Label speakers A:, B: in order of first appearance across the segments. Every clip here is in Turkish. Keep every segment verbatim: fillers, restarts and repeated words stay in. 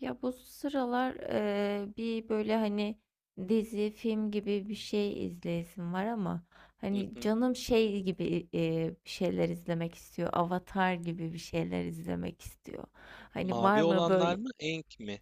A: Ya bu sıralar eee, bir böyle hani dizi, film gibi bir şey izleyesim var ama
B: Hı
A: hani
B: hı.
A: canım şey gibi eee, bir şeyler izlemek istiyor. Avatar gibi bir şeyler izlemek istiyor. Hani var
B: Mavi
A: mı
B: olanlar
A: böyle
B: mı? Enk mi?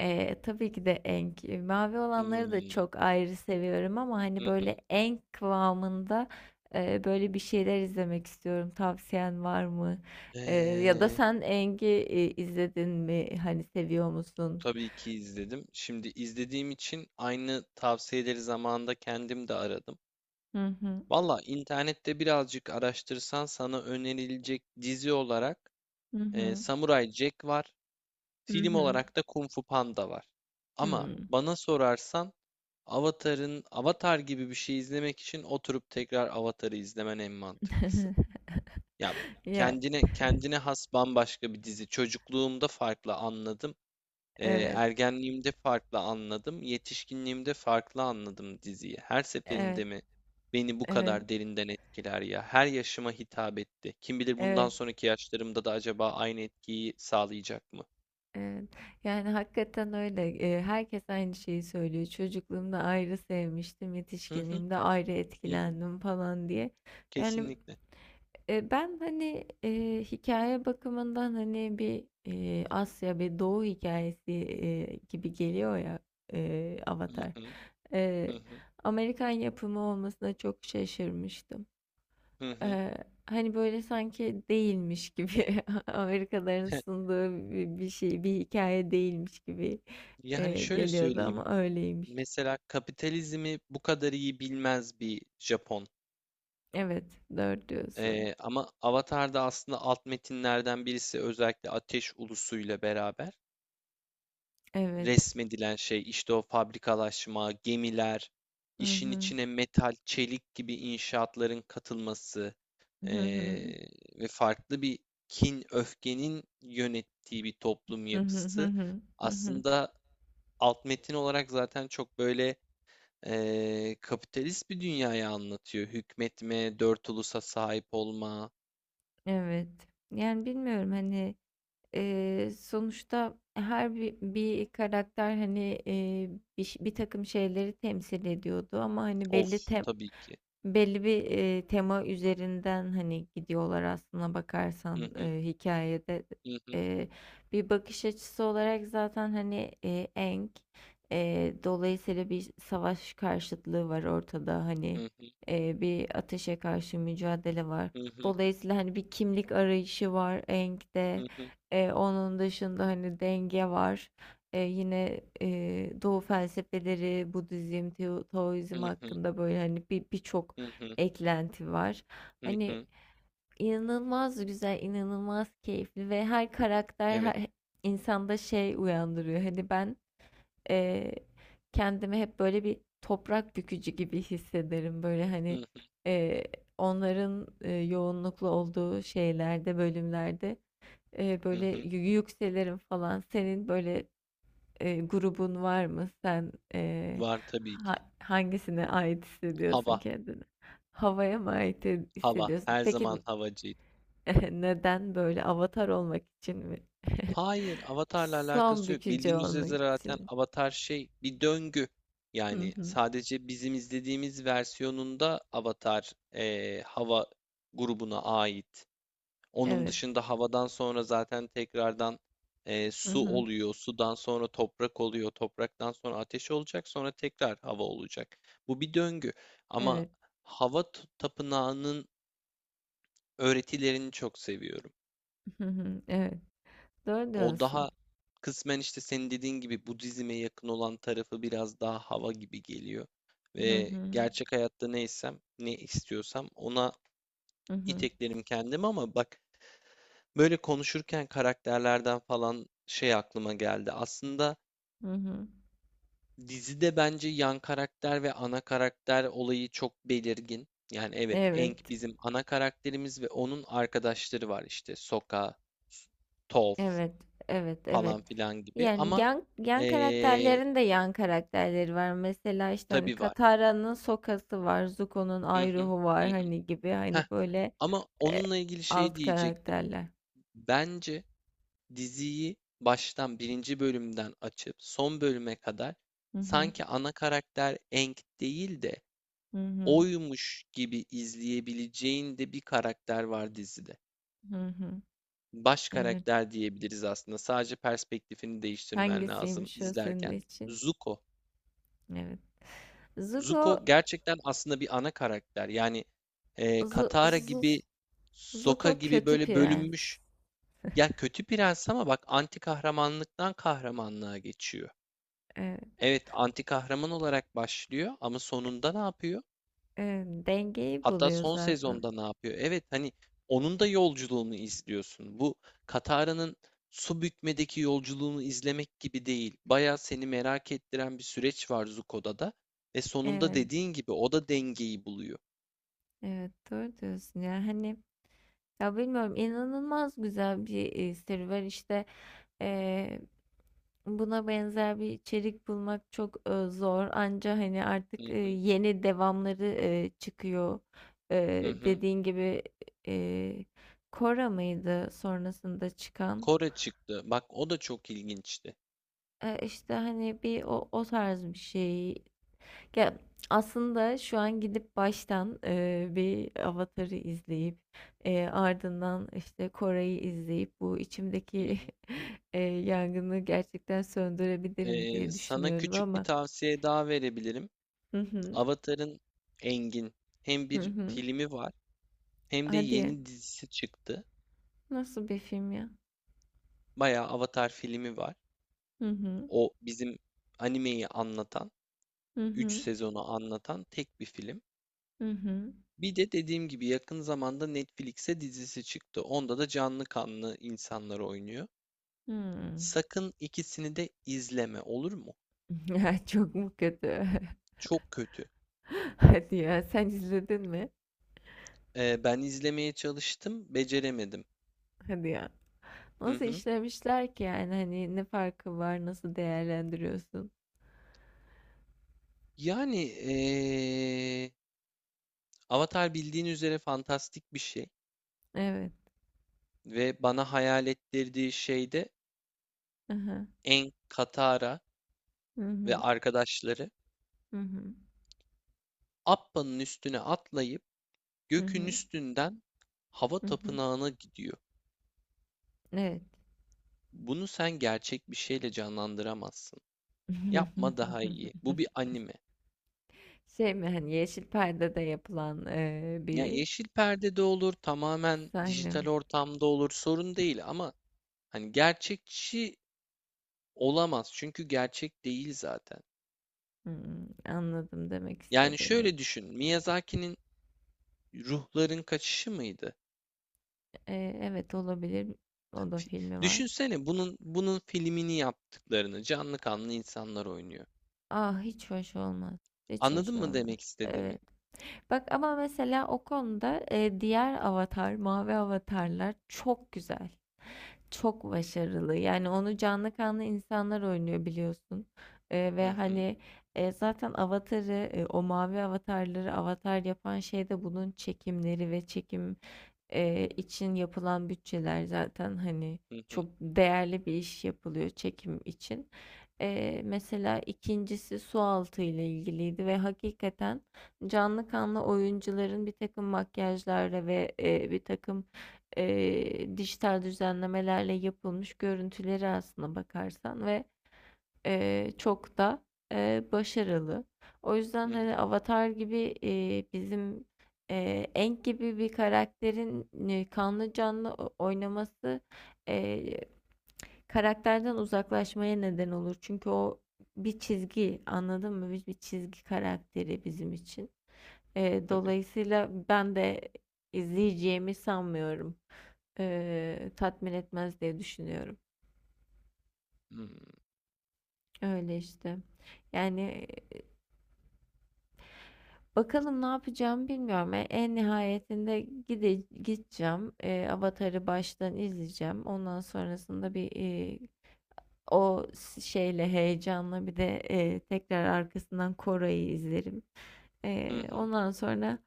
A: eee, tabii ki de Enk. Mavi olanları da
B: Hmm.
A: çok ayrı seviyorum ama
B: Hı
A: hani
B: hı.
A: böyle Enk kıvamında eee, böyle bir şeyler izlemek istiyorum. Tavsiyen var mı? Eee, ya da
B: Ee,
A: sen Enk'i e, izledin mi? Hani seviyor musun?
B: tabii ki izledim. Şimdi izlediğim için aynı tavsiyeleri zamanında kendim de aradım.
A: Hı hı.
B: Valla internette birazcık araştırsan sana önerilecek dizi olarak
A: Hı
B: e,
A: hı.
B: Samurai Jack var.
A: Hı
B: Film
A: hı.
B: olarak da Kung Fu Panda var. Ama
A: Hımm.
B: bana sorarsan Avatar'ın Avatar gibi bir şey izlemek için oturup tekrar Avatar'ı izlemen en mantıklısı. Ya
A: Ya,
B: kendine kendine has bambaşka bir dizi. Çocukluğumda farklı anladım. Ee,
A: evet,
B: ergenliğimde farklı anladım. Yetişkinliğimde farklı anladım diziyi. Her
A: evet,
B: seferinde mi beni bu
A: evet,
B: kadar derinden etkiler ya? Her yaşıma hitap etti. Kim bilir bundan
A: evet,
B: sonraki yaşlarımda da acaba aynı etkiyi sağlayacak mı?
A: evet. Yani, hakikaten öyle. Eee, herkes aynı şeyi söylüyor. "Çocukluğumda ayrı sevmiştim,
B: Hı hı,
A: yetişkinliğimde ayrı
B: hı hı,
A: etkilendim." falan diye. Yani,
B: kesinlikle.
A: eee, ben, hani, eee, hikâye bakımından, hani, bir, eee, Asya bir Doğu hikayesi eee, gibi geliyor ya, eee,
B: Hı
A: Avatar.
B: hı, hı
A: Eee,
B: hı,
A: Amerikan yapımı olmasına çok şaşırmıştım.
B: hı hı.
A: Ee, Hani böyle sanki değilmiş gibi Amerikalıların sunduğu bir, bir şey, bir hikaye değilmiş gibi
B: Yani
A: e,
B: şöyle
A: geliyordu
B: söyleyeyim.
A: ama öyleymiş.
B: Mesela kapitalizmi bu kadar iyi bilmez bir Japon.
A: Evet, dört diyorsun.
B: Ee, ama Avatar'da aslında alt metinlerden birisi özellikle Ateş Ulusu'yla beraber
A: Evet.
B: resmedilen şey işte o fabrikalaşma, gemiler,
A: Hı
B: işin
A: hı.
B: içine metal, çelik gibi inşaatların katılması
A: Hı
B: ee,
A: hı.
B: ve farklı bir kin, öfkenin yönettiği bir toplum
A: Hı hı hı
B: yapısı.
A: hı. Hı hı.
B: Aslında alt metin olarak zaten çok böyle ee, kapitalist bir dünyayı anlatıyor. Hükmetme, dört ulusa sahip olma,
A: Evet. Yani bilmiyorum hani e, sonuçta her bir, bir karakter hani e, bir, ş- bir takım şeyleri temsil ediyordu ama hani
B: of
A: belli tem.
B: tabii ki.
A: Belli bir, eee, tema üzerinden, hani, gidiyorlar aslına bakarsan,
B: Hı hı,
A: eee, hikâyede.
B: hı hı,
A: Eee, Bir bakış açısı olarak zaten, hani, eee, Aang, eee, dolayısıyla bir savaş karşıtlığı var ortada,
B: hı
A: hani,
B: hı,
A: eee, bir ateşe karşı mücadele var.
B: hı hı,
A: Dolayısıyla, hani, bir kimlik arayışı var Aang'de.
B: hı hı,
A: Eee, onun dışında, hani, denge var. Eee, yine, eee, Doğu felsefeleri, Budizm, Teo
B: hı
A: Taoizm
B: hı,
A: hakkında, böyle, hani, bir birçok
B: hı hı,
A: eklenti var.
B: hı
A: Hani
B: hı.
A: inanılmaz güzel, inanılmaz keyifli ve her karakter
B: Evet.
A: her insanda şey uyandırıyor. Hani ben eee, kendimi hep böyle bir toprak bükücü gibi hissederim. Böyle
B: Hı
A: hani
B: hı,
A: eee, onların eee, yoğunluklu olduğu şeylerde, bölümlerde eee,
B: hı
A: böyle yü-
B: hı.
A: yükselirim falan. Senin böyle eee, grubun var mı? Sen, eee,
B: Var tabii
A: ha
B: ki.
A: hangisine ait hissediyorsun
B: Hava,
A: kendini? Havaya mı ait he
B: hava.
A: hissediyorsun?
B: Her zaman
A: Peki,
B: havacıydı.
A: neden böyle avatar olmak için mi?
B: Hayır, Avatar'la
A: Son
B: alakası yok.
A: bükücü
B: Bildiğiniz
A: olmak
B: üzere zaten
A: için.
B: Avatar şey bir döngü.
A: Hı
B: Yani
A: hı.
B: sadece bizim izlediğimiz versiyonunda Avatar eee, hava grubuna ait. Onun
A: Evet.
B: dışında havadan sonra zaten tekrardan e,
A: Hı
B: su
A: hı.
B: oluyor. Sudan sonra toprak oluyor. Topraktan sonra ateş olacak. Sonra tekrar hava olacak. Bu bir döngü. Ama
A: Evet.
B: hava t- tapınağının öğretilerini çok seviyorum.
A: Hı hı. Evet. Doğru
B: O
A: diyorsun.
B: daha kısmen işte senin dediğin gibi Budizm'e yakın olan tarafı biraz daha hava gibi geliyor.
A: Hı
B: Ve
A: hı.
B: gerçek hayatta neysem, ne istiyorsam ona
A: Hı hı.
B: iteklerim kendimi, ama bak, Böyle konuşurken karakterlerden falan şey aklıma geldi. Aslında
A: Hı hı.
B: dizide bence yan karakter ve ana karakter olayı çok belirgin. Yani evet, Aang
A: Evet.
B: bizim ana karakterimiz ve onun arkadaşları var işte Sokka, S- Toph
A: Evet, evet, evet.
B: falan filan gibi.
A: Yani
B: Ama
A: yan, yan
B: eee
A: karakterlerin de yan karakterleri var. Mesela işte hani
B: tabii var.
A: Katara'nın Soka'sı var, Zuko'nun
B: Hı hı,
A: Iroh'u
B: hı
A: var
B: hı.
A: hani gibi
B: Heh,
A: hani böyle
B: ama
A: e,
B: onunla ilgili şey
A: alt
B: diyecektim.
A: karakterler.
B: Bence Diziyi baştan birinci bölümden açıp son bölüme kadar
A: Hı hı,
B: sanki ana karakter Aang değil de
A: hı hı,
B: oymuş gibi izleyebileceğin de bir karakter var dizide.
A: hı hı.
B: Baş
A: Evet.
B: karakter diyebiliriz aslında. Sadece perspektifini değiştirmen lazım
A: Hangisiymiş o senin
B: izlerken.
A: için?
B: Zuko.
A: Evet. Zuko,
B: Zuko gerçekten aslında bir ana karakter. Yani e,
A: Zu,
B: Katara
A: Zu,
B: gibi, Sokka
A: Zuko
B: gibi
A: kötü
B: böyle bölünmüş.
A: prens.
B: Ya kötü prens, ama bak, anti kahramanlıktan kahramanlığa geçiyor.
A: Evet,
B: Evet, anti kahraman olarak başlıyor ama sonunda ne yapıyor?
A: evet. Dengeyi
B: Hatta
A: buluyor
B: son
A: zaten.
B: sezonda ne yapıyor? Evet, hani onun da yolculuğunu izliyorsun. Bu Katara'nın su bükmedeki yolculuğunu izlemek gibi değil. Bayağı seni merak ettiren bir süreç var Zuko'da da, ve sonunda
A: Evet,
B: dediğin gibi o da dengeyi buluyor.
A: evet doğru diyorsun ya. Hani. Ya bilmiyorum inanılmaz güzel bir e, serüven işte, e, buna benzer bir içerik bulmak çok e, zor, anca hani
B: Hı
A: artık e,
B: hı,
A: yeni devamları e, çıkıyor. E,
B: hı hı.
A: Dediğin gibi e, Cora mıydı sonrasında çıkan.
B: Kore çıktı. Bak o da çok ilginçti.
A: E, işte hani bir o, o tarz bir şey. Ya aslında şu an gidip baştan eee, bir Avatar'ı izleyip eee, ardından işte Kore'yi izleyip bu
B: Hı
A: içimdeki
B: hı.
A: eee, yangını gerçekten söndürebilirim
B: Ee,
A: diye
B: sana
A: düşünüyorum
B: küçük bir
A: ama.
B: tavsiye daha verebilirim.
A: Hı hı
B: Avatar'ın Engin hem
A: hı
B: bir
A: hı.
B: filmi var. Hem de
A: Hadi ya.
B: yeni dizisi çıktı.
A: Nasıl bir film ya?
B: Bayağı Avatar filmi var.
A: Hı hı
B: O bizim animeyi anlatan,
A: hı
B: üç
A: hı
B: sezonu anlatan tek bir film.
A: hı hı.
B: Bir de dediğim gibi yakın zamanda Netflix'e dizisi çıktı. Onda da canlı kanlı insanlar oynuyor.
A: Hmm.
B: Sakın ikisini de izleme, olur mu?
A: Ya çok mu kötü?
B: Çok kötü.
A: Hadi ya sen izledin mi?
B: Ee, ben izlemeye çalıştım, beceremedim.
A: Hadi ya.
B: Hı
A: Nasıl
B: hı.
A: işlemişler ki yani hani ne farkı var, nasıl değerlendiriyorsun?
B: Yani ee, Avatar bildiğin üzere fantastik bir şey,
A: Evet.
B: ve bana hayal ettirdiği şey de
A: Aha,
B: En Katara ve
A: hı.
B: arkadaşları
A: Hı hı. Hı hı.
B: Appa'nın üstüne atlayıp
A: Hı
B: gökün
A: hı.
B: üstünden hava
A: Hı hı.
B: tapınağına gidiyor.
A: Evet.
B: Bunu sen gerçek bir şeyle canlandıramazsın. Yapma daha iyi. Bu bir anime.
A: Şey mi hani yeşil perdede yapılan eee,
B: Ya
A: bir
B: yeşil perdede olur, tamamen
A: sahne
B: dijital
A: mi?
B: ortamda olur, sorun değil, ama hani gerçekçi olamaz çünkü gerçek değil zaten.
A: Hmm, anladım demek
B: Yani
A: istediğini.
B: şöyle düşün, Miyazaki'nin Ruhların Kaçışı mıydı?
A: Eee, evet olabilir. O da
B: Fi-
A: filmi var.
B: Düşünsene bunun bunun filmini yaptıklarını, canlı kanlı insanlar oynuyor.
A: Ah hiç hoş olmaz. Hiç
B: Anladın
A: hoş
B: mı
A: olmaz.
B: demek istediğimi?
A: Evet. Bak ama mesela o konuda eee, diğer avatar, mavi avatarlar çok güzel. Çok başarılı. Yani onu canlı kanlı insanlar oynuyor biliyorsun. Eee, ve
B: Hı hı
A: hani, eee, zaten Avatar'ı, eee, o mavi avatarları Avatar yapan şey de bunun çekimleri ve çekim, eee, için yapılan bütçeler zaten hani
B: hı hı
A: çok değerli bir iş yapılıyor çekim için. Eee, mesela ikincisi.'si sualtı ile ilgiliydi ve hakikaten canlı kanlı oyuncuların bir takım makyajlarla ve, e, bir takım eee, dijital düzenlemelerle yapılmış görüntüleri aslında bakarsan ve eee, çok da eee, başarılı. O yüzden
B: hı
A: hani
B: hı.
A: Avatar gibi eee, bizim eee Aang gibi bir karakterin e, kanlı canlı o- oynaması eee, karakterden uzaklaşmaya neden olur. Çünkü o bir çizgi, anladın mı? Biz bir çizgi karakteri bizim için. Eee,
B: Tabii.
A: dolayısıyla ben de izleyeceğimi sanmıyorum, eee, tatmin etmez diye düşünüyorum.
B: Hı
A: Öyle işte. Yani. Bakalım ne yapacağım bilmiyorum. E, En nihayetinde gide gideceğim. E, Avatar'ı baştan izleyeceğim. Ondan sonrasında bir e, o şeyle heyecanla bir de e, tekrar arkasından Koray'ı izlerim.
B: hı
A: Ee,
B: hı.
A: ondan sonra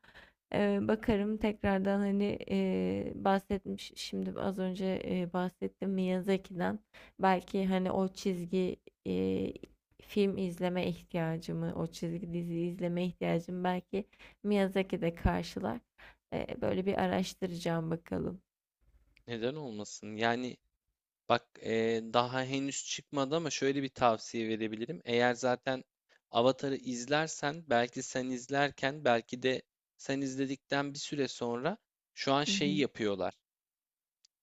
A: e, bakarım tekrardan hani e, bahsetmiş şimdi az önce e, bahsettim Miyazaki'den, belki hani o çizgi e, film izleme ihtiyacımı, o çizgi dizi izleme ihtiyacımı belki Miyazaki de karşılar. Ee, böyle bir araştıracağım bakalım.
B: Neden olmasın? Yani bak, eee, daha henüz çıkmadı ama şöyle bir tavsiye verebilirim. Eğer zaten Avatar'ı izlersen, belki sen izlerken belki de sen izledikten bir süre sonra, şu an
A: Hı
B: şeyi
A: hı.
B: yapıyorlar.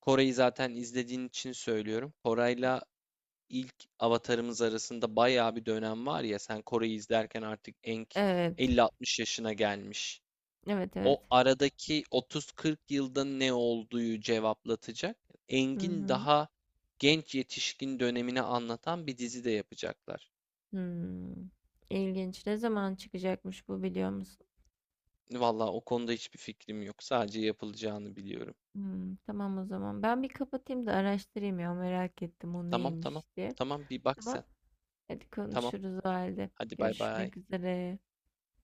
B: Kore'yi zaten izlediğin için söylüyorum. Koray'la ilk Avatar'ımız arasında bayağı bir dönem var ya, sen Kore'yi izlerken artık Aang
A: Evet.
B: elli altmış yaşına gelmiş.
A: Evet evet.
B: O aradaki otuz kırk yılda ne olduğu cevaplatacak.
A: Hı
B: Engin
A: hı.
B: daha genç yetişkin dönemini anlatan bir dizi de yapacaklar.
A: Hmm. İlginç. Ne zaman çıkacakmış bu, biliyor musun?
B: Vallahi o konuda hiçbir fikrim yok. Sadece yapılacağını biliyorum.
A: Hmm, tamam o zaman. Ben bir kapatayım da araştırayım ya, merak ettim o
B: Tamam tamam.
A: neymiş diye.
B: Tamam, bir bak
A: Tamam.
B: sen.
A: Hadi
B: Tamam.
A: konuşuruz o halde.
B: Hadi bay bay.
A: Görüşmek üzere.